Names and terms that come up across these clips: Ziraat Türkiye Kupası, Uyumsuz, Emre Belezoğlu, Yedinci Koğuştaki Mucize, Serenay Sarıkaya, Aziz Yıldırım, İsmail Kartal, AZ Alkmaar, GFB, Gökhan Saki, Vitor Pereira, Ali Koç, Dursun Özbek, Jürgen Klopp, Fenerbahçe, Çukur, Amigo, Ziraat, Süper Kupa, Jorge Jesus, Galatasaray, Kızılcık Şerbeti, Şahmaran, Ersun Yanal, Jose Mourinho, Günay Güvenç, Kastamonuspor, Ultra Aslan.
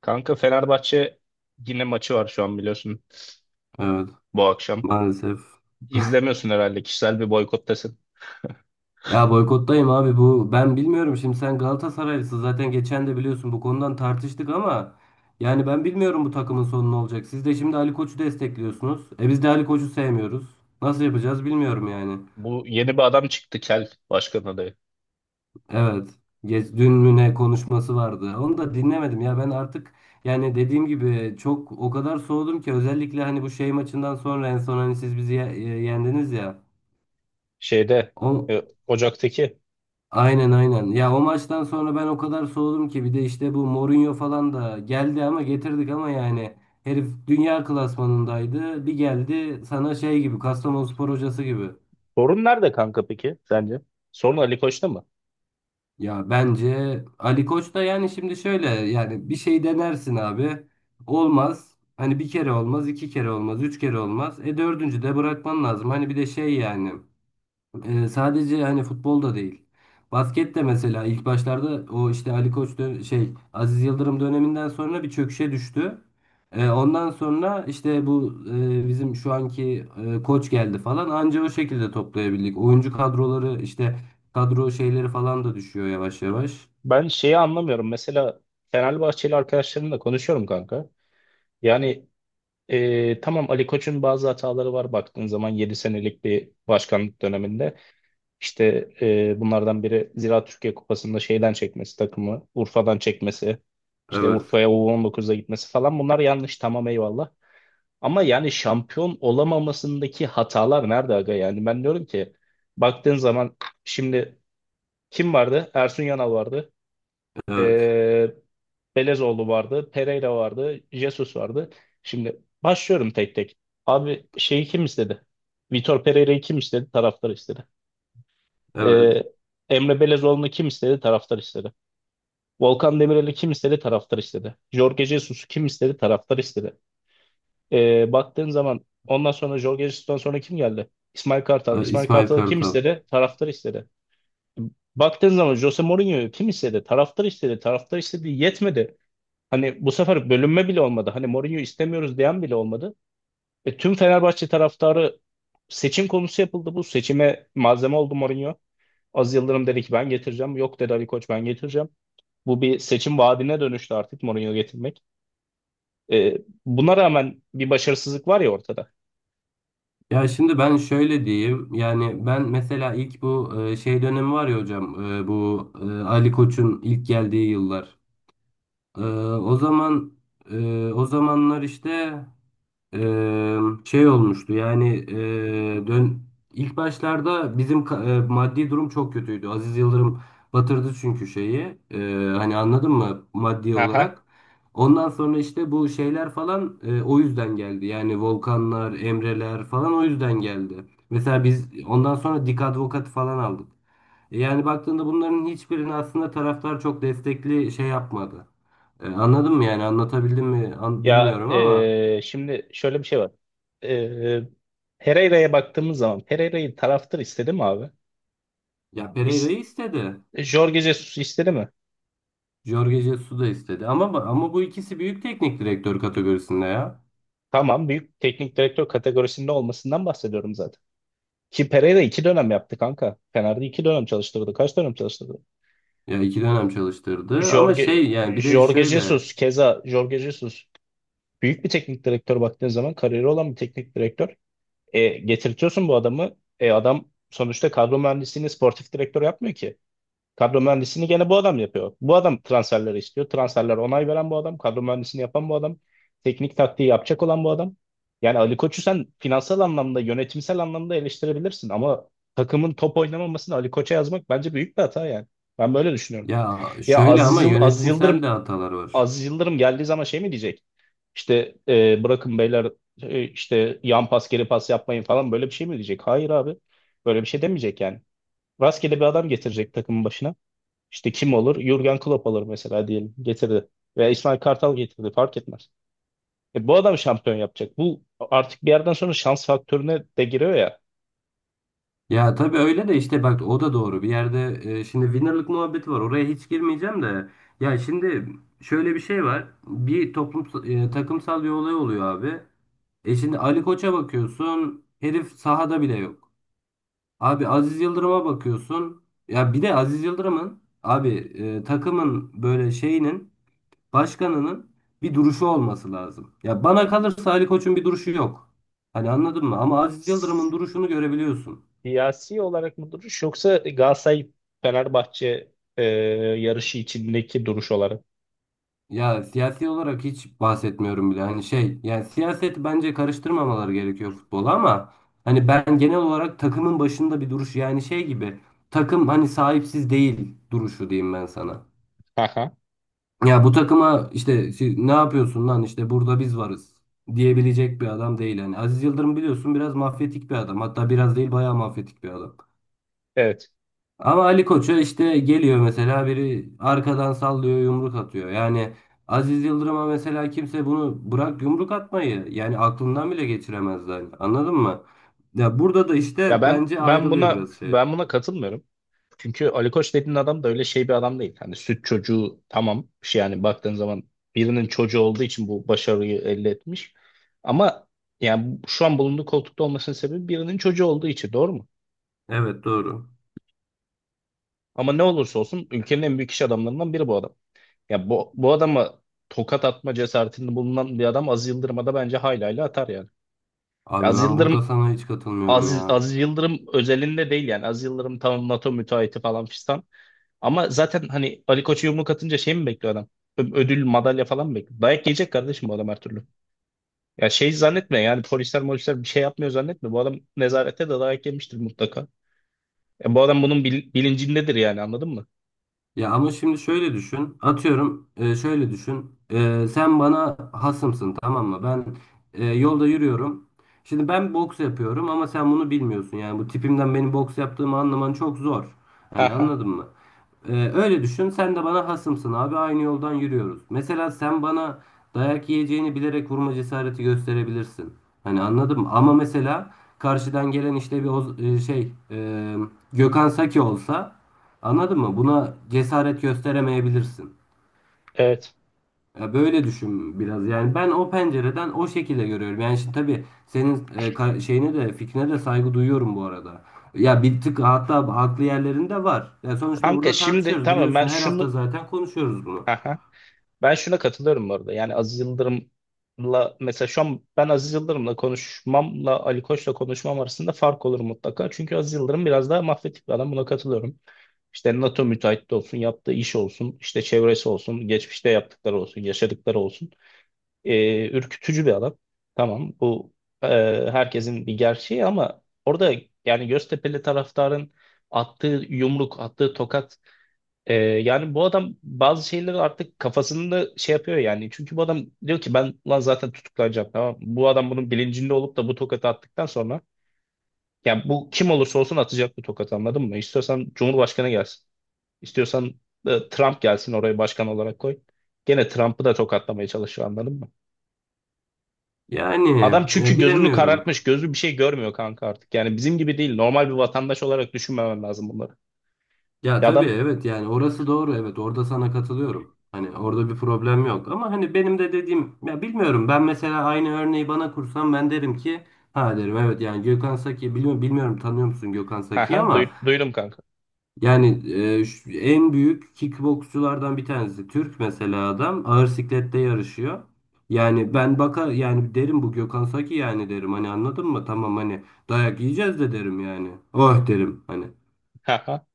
Kanka Fenerbahçe yine maçı var şu an biliyorsun Evet, bu akşam. maalesef. İzlemiyorsun herhalde kişisel bir boykottasın. Ya boykottayım abi bu. Ben bilmiyorum, şimdi sen Galatasaraylısın zaten, geçen de biliyorsun bu konudan tartıştık ama yani ben bilmiyorum bu takımın sonu ne olacak. Siz de şimdi Ali Koç'u destekliyorsunuz. E biz de Ali Koç'u sevmiyoruz. Nasıl yapacağız bilmiyorum yani. Bu yeni bir adam çıktı Kel başkan adayı. Evet. Geç, dün mü ne konuşması vardı. Onu da dinlemedim ya ben artık, yani dediğim gibi çok o kadar soğudum ki, özellikle hani bu şey maçından sonra, en son hani siz bizi yendiniz ya. Şeyde O, Ocak'taki. Aynen, aynen. Ya o maçtan sonra ben o kadar soğudum ki, bir de işte bu Mourinho falan da geldi, ama getirdik ama yani herif dünya klasmanındaydı. Bir geldi sana şey gibi, Kastamonuspor hocası gibi. Sorun nerede kanka peki sence? Sorun Ali Koç'ta mı? Ya bence Ali Koç da, yani şimdi şöyle yani, bir şey denersin abi. Olmaz. Hani bir kere olmaz, iki kere olmaz, üç kere olmaz. E dördüncü de bırakman lazım. Hani bir de şey yani. Sadece hani futbolda değil, basket de. Mesela ilk başlarda, o işte Ali Koç Aziz Yıldırım döneminden sonra bir çöküşe düştü. Ondan sonra işte bu bizim şu anki koç geldi falan, anca o şekilde toplayabildik. Oyuncu kadroları işte, kadro şeyleri falan da düşüyor yavaş yavaş. Ben şeyi anlamıyorum. Mesela Fenerbahçeli arkadaşlarımla konuşuyorum kanka. Yani tamam Ali Koç'un bazı hataları var baktığın zaman 7 senelik bir başkanlık döneminde. İşte bunlardan biri Ziraat Türkiye Kupası'nda şeyden çekmesi takımı, Urfa'dan çekmesi, işte Evet, Urfa'ya U19'da gitmesi falan bunlar yanlış tamam eyvallah. Ama yani şampiyon olamamasındaki hatalar nerede aga? Yani ben diyorum ki baktığın zaman şimdi kim vardı? Ersun Yanal vardı. evet, E, Belezoğlu vardı, Pereira vardı, Jesus vardı. Şimdi başlıyorum tek tek. Abi şeyi kim istedi? Vitor Pereira'yı kim istedi? Taraftar istedi. evet. Ee, Emre Belezoğlu'nu kim istedi? Taraftar istedi. Volkan Demirel'i kim istedi? Taraftar istedi. Jorge Jesus'u kim istedi? Taraftar istedi. Baktığın zaman ondan sonra Jorge Jesus'tan sonra kim geldi? İsmail Kartal. İsmail İsmail Kartal'ı kim Kartal. istedi? Taraftar istedi. Baktığın zaman Jose Mourinho'yu kim istedi? Taraftar istedi. Taraftar istedi. Yetmedi. Hani bu sefer bölünme bile olmadı. Hani Mourinho istemiyoruz diyen bile olmadı. Tüm Fenerbahçe taraftarı seçim konusu yapıldı. Bu seçime malzeme oldu Mourinho. Az Yıldırım dedi ki ben getireceğim. Yok dedi Ali Koç ben getireceğim. Bu bir seçim vaadine dönüştü artık Mourinho getirmek. E, buna rağmen bir başarısızlık var ya ortada. Ya şimdi ben şöyle diyeyim. Yani ben mesela, ilk bu şey dönemi var ya hocam. Bu Ali Koç'un ilk geldiği yıllar. E, O zaman, o zamanlar işte Eee, şey olmuştu yani, dön ilk başlarda bizim maddi durum çok kötüydü. Aziz Yıldırım batırdı çünkü şeyi. Hani anladın mı, maddi olarak. Ondan sonra işte bu şeyler falan o yüzden geldi. Yani Volkanlar, Emreler falan o yüzden geldi. Mesela biz ondan sonra Dik Advokat falan aldık. Yani baktığında bunların hiçbirini aslında taraftar çok destekli şey yapmadı. Anladın mı, yani anlatabildim mi Ya bilmiyorum ama. Şimdi şöyle bir şey var. E, Pereira'ya baktığımız zaman Pereira'yı taraftır istedi mi abi? Ya İs Pereira'yı istedi. Jorge Jesus istedi mi? Jorge Jesus da istedi. Ama bu ikisi büyük teknik direktör kategorisinde ya. Tamam büyük teknik direktör kategorisinde olmasından bahsediyorum zaten. Ki Pereira iki dönem yaptı kanka. Fener'de iki dönem çalıştırdı. Kaç dönem çalıştırdı? Ya iki dönem çalıştırdı. Ama şey Jorge, yani, bir de Jorge şöyle. Jesus keza Jorge Jesus büyük bir teknik direktör baktığın zaman kariyeri olan bir teknik direktör. Getirtiyorsun bu adamı. Adam sonuçta kadro mühendisliğini sportif direktör yapmıyor ki. Kadro mühendisliğini gene bu adam yapıyor. Bu adam transferleri istiyor. Transferler onay veren bu adam. Kadro mühendisliğini yapan bu adam. Teknik taktiği yapacak olan bu adam. Yani Ali Koç'u sen finansal anlamda, yönetimsel anlamda eleştirebilirsin ama takımın top oynamamasını Ali Koç'a yazmak bence büyük bir hata yani. Ben böyle düşünüyorum. Ya Ya şöyle Aziz, ama, Yıl- Aziz yönetimsel de Yıldırım hatalar var. Aziz Yıldırım geldiği zaman şey mi diyecek? İşte bırakın beyler işte yan pas geri pas yapmayın falan böyle bir şey mi diyecek? Hayır abi. Böyle bir şey demeyecek yani. Rastgele bir adam getirecek takımın başına. İşte kim olur? Jürgen Klopp alır mesela diyelim. Getirdi. Veya İsmail Kartal getirdi. Fark etmez. Bu adam şampiyon yapacak. Bu artık bir yerden sonra şans faktörüne de giriyor ya. Ya tabii öyle de, işte bak, o da doğru. Bir yerde şimdi winner'lık muhabbeti var. Oraya hiç girmeyeceğim de. Ya şimdi şöyle bir şey var. Bir toplum, takımsal bir olay oluyor abi. Şimdi Ali Koç'a bakıyorsun. Herif sahada bile yok. Abi, Aziz Yıldırım'a bakıyorsun. Ya bir de Aziz Yıldırım'ın abi, takımın böyle şeyinin, başkanının bir duruşu olması lazım. Ya bana kalırsa Ali Koç'un bir duruşu yok. Hani anladın mı? Ama Aziz Yıldırım'ın duruşunu görebiliyorsun. Siyasi olarak mı duruş yoksa Galatasaray Fenerbahçe e, yarışı içindeki duruş olarak? Ya siyasi olarak hiç bahsetmiyorum bile. Hani şey yani, siyaset bence karıştırmamaları gerekiyor futbola ama hani ben genel olarak takımın başında bir duruş, yani şey gibi, takım hani sahipsiz değil duruşu, diyeyim ben sana. Aha. Ya bu takıma işte, "Siz ne yapıyorsun lan, işte burada biz varız" diyebilecek bir adam değil. Yani Aziz Yıldırım biliyorsun biraz mafyatik bir adam. Hatta biraz değil, bayağı mafyatik bir adam. Evet. Ama Ali Koç'a işte geliyor mesela biri arkadan sallıyor, yumruk atıyor. Yani Aziz Yıldırım'a mesela kimse bunu, bırak yumruk atmayı, yani aklından bile geçiremez yani. Anladın mı? Ya burada da Ya işte ben bence ben ayrılıyor buna biraz şey. ben buna katılmıyorum. Çünkü Ali Koç dediğin adam da öyle şey bir adam değil. Hani süt çocuğu tamam. Bir şey yani baktığın zaman birinin çocuğu olduğu için bu başarıyı elde etmiş. Ama yani şu an bulunduğu koltukta olmasının sebebi birinin çocuğu olduğu için doğru mu? Evet, doğru. Ama ne olursa olsun ülkenin en büyük iş adamlarından biri bu adam. Ya bu adama tokat atma cesaretinde bulunan bir adam Aziz Yıldırım'a da bence haylayla atar yani. Ya Abi Aziz ben Yıldırım burada sana hiç katılmıyorum Aziz, ya. Aziz Yıldırım özelinde değil yani. Aziz Yıldırım tamam NATO müteahhiti falan fistan. Ama zaten hani Ali Koç'a yumruk atınca şey mi bekliyor adam? Ödül, madalya falan mı bekliyor? Dayak yiyecek kardeşim bu adam her türlü. Ya şey zannetme yani polisler molisler bir şey yapmıyor zannetme. Bu adam nezarette de dayak yemiştir mutlaka. Bu adam bunun bilincindedir yani anladın mı? Ya ama şimdi şöyle düşün. Atıyorum, şöyle düşün. Sen bana hasımsın, tamam mı? Ben yolda yürüyorum. Şimdi ben boks yapıyorum ama sen bunu bilmiyorsun. Yani bu tipimden benim boks yaptığımı anlaman çok zor. Hani Aha, anladın mı? Öyle düşün. Sen de bana hasımsın abi. Aynı yoldan yürüyoruz. Mesela sen bana, dayak yiyeceğini bilerek, vurma cesareti gösterebilirsin. Hani anladın mı? Ama mesela, karşıdan gelen işte bir Gökhan Saki olsa. Anladın mı? Buna cesaret gösteremeyebilirsin. evet. Ya böyle düşün biraz. Yani ben o pencereden o şekilde görüyorum. Yani şimdi tabii, senin şeyine de, fikrine de saygı duyuyorum bu arada. Ya bir tık hatta haklı yerlerinde var. Ya sonuçta Kanka burada şimdi tartışıyoruz, tamam ben biliyorsun. Her hafta şunu. zaten konuşuyoruz bunu. Aha. Ben şuna katılıyorum bu arada. Yani Aziz Yıldırım'la mesela şu an ben Aziz Yıldırım'la konuşmamla Ali Koç'la konuşmam arasında fark olur mutlaka. Çünkü Aziz Yıldırım biraz daha mafyatik bir adam. Buna katılıyorum. İşte NATO müteahhit de olsun, yaptığı iş olsun, işte çevresi olsun, geçmişte yaptıkları olsun, yaşadıkları olsun. Ürkütücü bir adam. Tamam bu e, herkesin bir gerçeği ama orada yani Göztepe'li taraftarın attığı yumruk, attığı tokat yani bu adam bazı şeyleri artık kafasında şey yapıyor yani. Çünkü bu adam diyor ki ben lan zaten tutuklanacağım tamam mı? Bu adam bunun bilincinde olup da bu tokatı attıktan sonra yani bu kim olursa olsun atacak bu tokatı anladın mı? İstiyorsan Cumhurbaşkanı gelsin. İstiyorsan Trump gelsin oraya başkan olarak koy. Gene Trump'ı da tokatlamaya çalışıyor anladın mı? Yani Adam çünkü gözünü bilemiyorum. karartmış, gözü bir şey görmüyor kanka artık. Yani bizim gibi değil. Normal bir vatandaş olarak düşünmemen lazım bunları. Ya Ya tabii, adam evet yani orası doğru, evet, orada sana katılıyorum. Hani orada bir problem yok, ama hani benim de dediğim ya, bilmiyorum, ben mesela aynı örneği bana kursam, ben derim ki, ha derim, evet yani Gökhan Saki, bilmiyorum, bilmiyorum tanıyor musun Gökhan ha Saki'yi ha ama duydum kanka. yani, en büyük kickboksçulardan bir tanesi, Türk mesela, adam ağır siklette yarışıyor. Yani ben baka yani derim, bu Gökhan Saki, yani derim, hani anladın mı? Tamam, hani dayak yiyeceğiz de derim yani. Oh derim hani.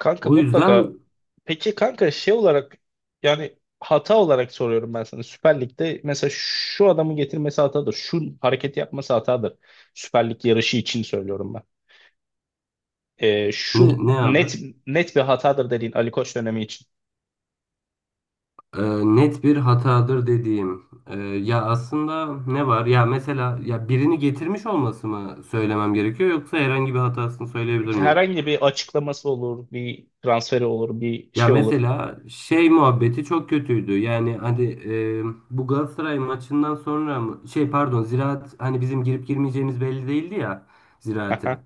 Kanka O mutlaka. yüzden. Peki kanka şey olarak yani hata olarak soruyorum ben sana. Süper Lig'de mesela şu adamı getirmesi hatadır. Şu hareketi yapması hatadır. Süper Lig yarışı için söylüyorum ben. Ee, ne, şu ne abi? net bir hatadır dediğin Ali Koç dönemi için. e, net bir hatadır dediğim. Ya aslında ne var? Ya mesela, ya birini getirmiş olması mı söylemem gerekiyor, yoksa herhangi bir hatasını söyleyebilir miyim? Herhangi bir açıklaması olur, bir transferi olur, bir Ya şey olur. mesela şey muhabbeti çok kötüydü. Yani hani bu Galatasaray maçından sonra pardon, Ziraat, hani bizim girip girmeyeceğimiz belli değildi ya Ziraat'e. Aha,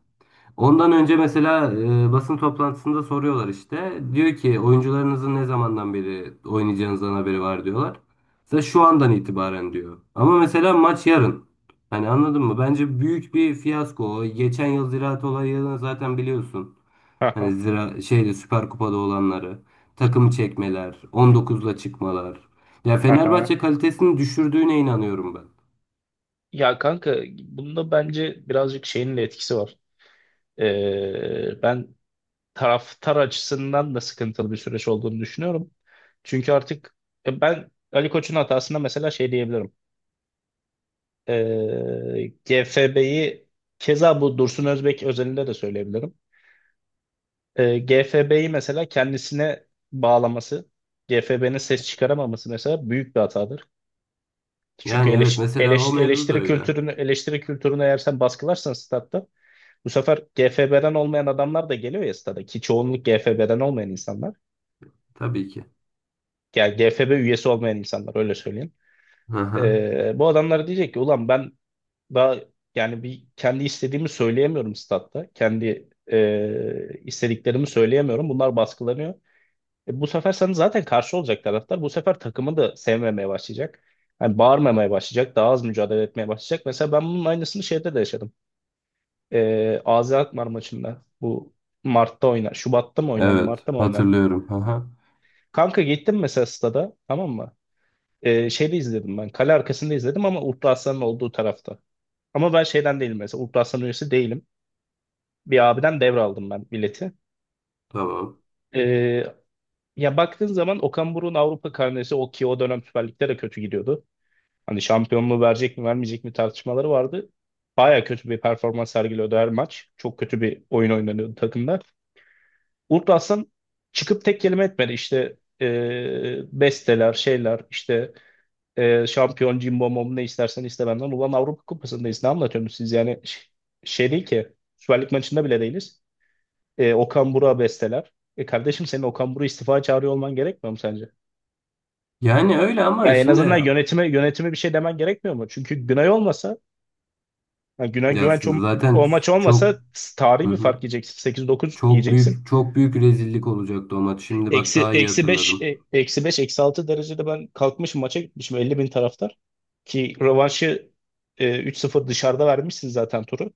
Ondan önce mesela basın toplantısında soruyorlar işte. Diyor ki, oyuncularınızın ne zamandan beri oynayacağınızdan haberi var, diyorlar. Mesela şu andan itibaren, diyor. Ama mesela maç yarın. Hani anladın mı? Bence büyük bir fiyasko. Geçen yıl Ziraat olayını zaten biliyorsun. aha, Hani zira şeyde, Süper Kupa'da olanları, takım çekmeler, 19'la çıkmalar. Ya aha. Fenerbahçe kalitesini düşürdüğüne inanıyorum ben. Ya kanka bunda bence birazcık şeyin de etkisi var. Ben taraftar açısından da sıkıntılı bir süreç olduğunu düşünüyorum. Çünkü artık ben Ali Koç'un hatasında mesela şey diyebilirim. GFB'yi keza bu Dursun Özbek özelinde de söyleyebilirim. GFB'yi mesela kendisine bağlaması, GFB'nin ses çıkaramaması mesela büyük bir hatadır. Çünkü Yani evet, eleş, mesela o eleş- mevzu da eleştiri öyle. kültürünü eleştiri kültürünü eğer sen baskılarsan statta bu sefer GFB'den olmayan adamlar da geliyor ya stada ki çoğunluk GFB'den olmayan insanlar. Tabii ki. Yani GFB üyesi olmayan insanlar öyle söyleyeyim. Hı hı. Bu adamlar diyecek ki ulan ben daha yani bir kendi istediğimi söyleyemiyorum statta. Kendi istediklerimi söyleyemiyorum. Bunlar baskılanıyor. Bu sefer sana zaten karşı olacak taraftar. Bu sefer takımı da sevmemeye başlayacak. Yani bağırmamaya başlayacak. Daha az mücadele etmeye başlayacak. Mesela ben bunun aynısını şeyde de yaşadım. AZ Alkmaar maçında. Bu Mart'ta oynan, Şubat'ta mı oynandı? Evet, Mart'ta mı oynandı? hatırlıyorum. Aha, Kanka gittim mesela stada tamam mı? Şeyde izledim ben. Kale arkasında izledim ama Ultra Aslan'ın olduğu tarafta. Ama ben şeyden değilim mesela. Ultra Aslan üyesi değilim. Bir abiden devraldım ben bileti. tamam. Ee, ya baktığın zaman Okan Buruk'un Avrupa karnesi o ki o dönem Süper Lig'de de kötü gidiyordu. Hani şampiyonluğu verecek mi vermeyecek mi tartışmaları vardı. Baya kötü bir performans sergiliyordu her maç. Çok kötü bir oyun oynanıyordu takımda. Ultra Aslan çıkıp tek kelime etmedi. İşte besteler, şeyler, işte şampiyon cimbom bom ne istersen iste benden. Ulan Avrupa Kupası'ndayız. Ne anlatıyorsunuz siz yani? Şey değil ki. Süper Lig maçında bile değiliz. Okan Buruk'a besteler. Kardeşim senin Okan Buruk'u istifa çağırıyor olman gerekmiyor mu sence? Yani öyle Ya ama en azından şimdi, yönetime bir şey demen gerekmiyor mu? Çünkü Günay olmasa, yani Günay ya Güvenç o, zaten o maç çok, olmasa hı tarihi bir hı, fark yiyeceksin. 8-9 çok yiyeceksin. büyük, çok büyük rezillik olacaktı o maç. Şimdi bak, Eksi, daha iyi eksi 5, hatırladım. eksi 5 eksi 6 derecede ben kalkmışım maça gitmişim 50.000 taraftar. Ki rövanşı 3-0 dışarıda vermişsin zaten turu.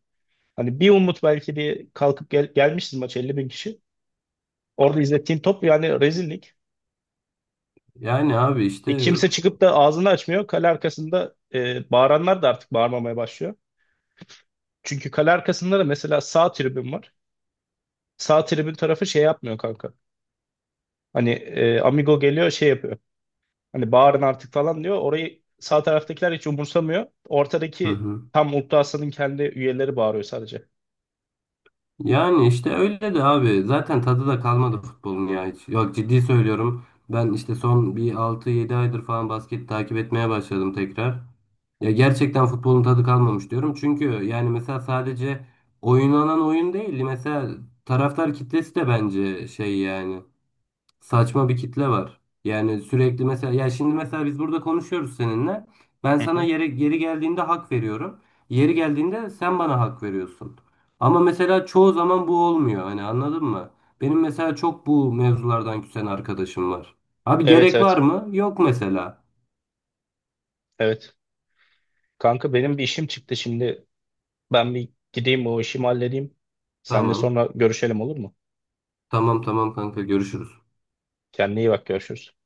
Hani bir umut belki bir kalkıp gelmişiz maç 50.000 kişi. Orada izlettiğin top yani rezillik. Yani abi E, işte. kimse çıkıp da ağzını açmıyor. Kale arkasında bağıranlar da artık bağırmamaya başlıyor. Çünkü kale arkasında da mesela sağ tribün var. Sağ tribün tarafı şey yapmıyor kanka. Hani Amigo geliyor şey yapıyor. Hani bağırın artık falan diyor. Orayı sağ taraftakiler hiç umursamıyor. Hı Ortadaki hı. tam Mutlu Aslan'ın kendi üyeleri bağırıyor sadece. Yani işte öyle de abi. Zaten tadı da kalmadı futbolun ya, hiç. Yok, ciddi söylüyorum. Ben işte son bir 6-7 aydır falan basket takip etmeye başladım tekrar. Ya gerçekten futbolun tadı kalmamış diyorum. Çünkü yani mesela, sadece oynanan oyun değil. Mesela taraftar kitlesi de bence şey yani, saçma bir kitle var. Yani sürekli mesela, ya şimdi mesela biz burada konuşuyoruz seninle. Ben Hı sana hı. yeri geldiğinde hak veriyorum. Yeri geldiğinde sen bana hak veriyorsun. Ama mesela çoğu zaman bu olmuyor. Hani anladın mı? Benim mesela çok bu mevzulardan küsen arkadaşım var. Abi Evet gerek var evet. mı? Yok mesela. Evet. Kanka benim bir işim çıktı şimdi. Ben bir gideyim o işimi halledeyim. Seninle Tamam. sonra görüşelim olur mu? Tamam, tamam kanka, görüşürüz. Kendine iyi bak görüşürüz.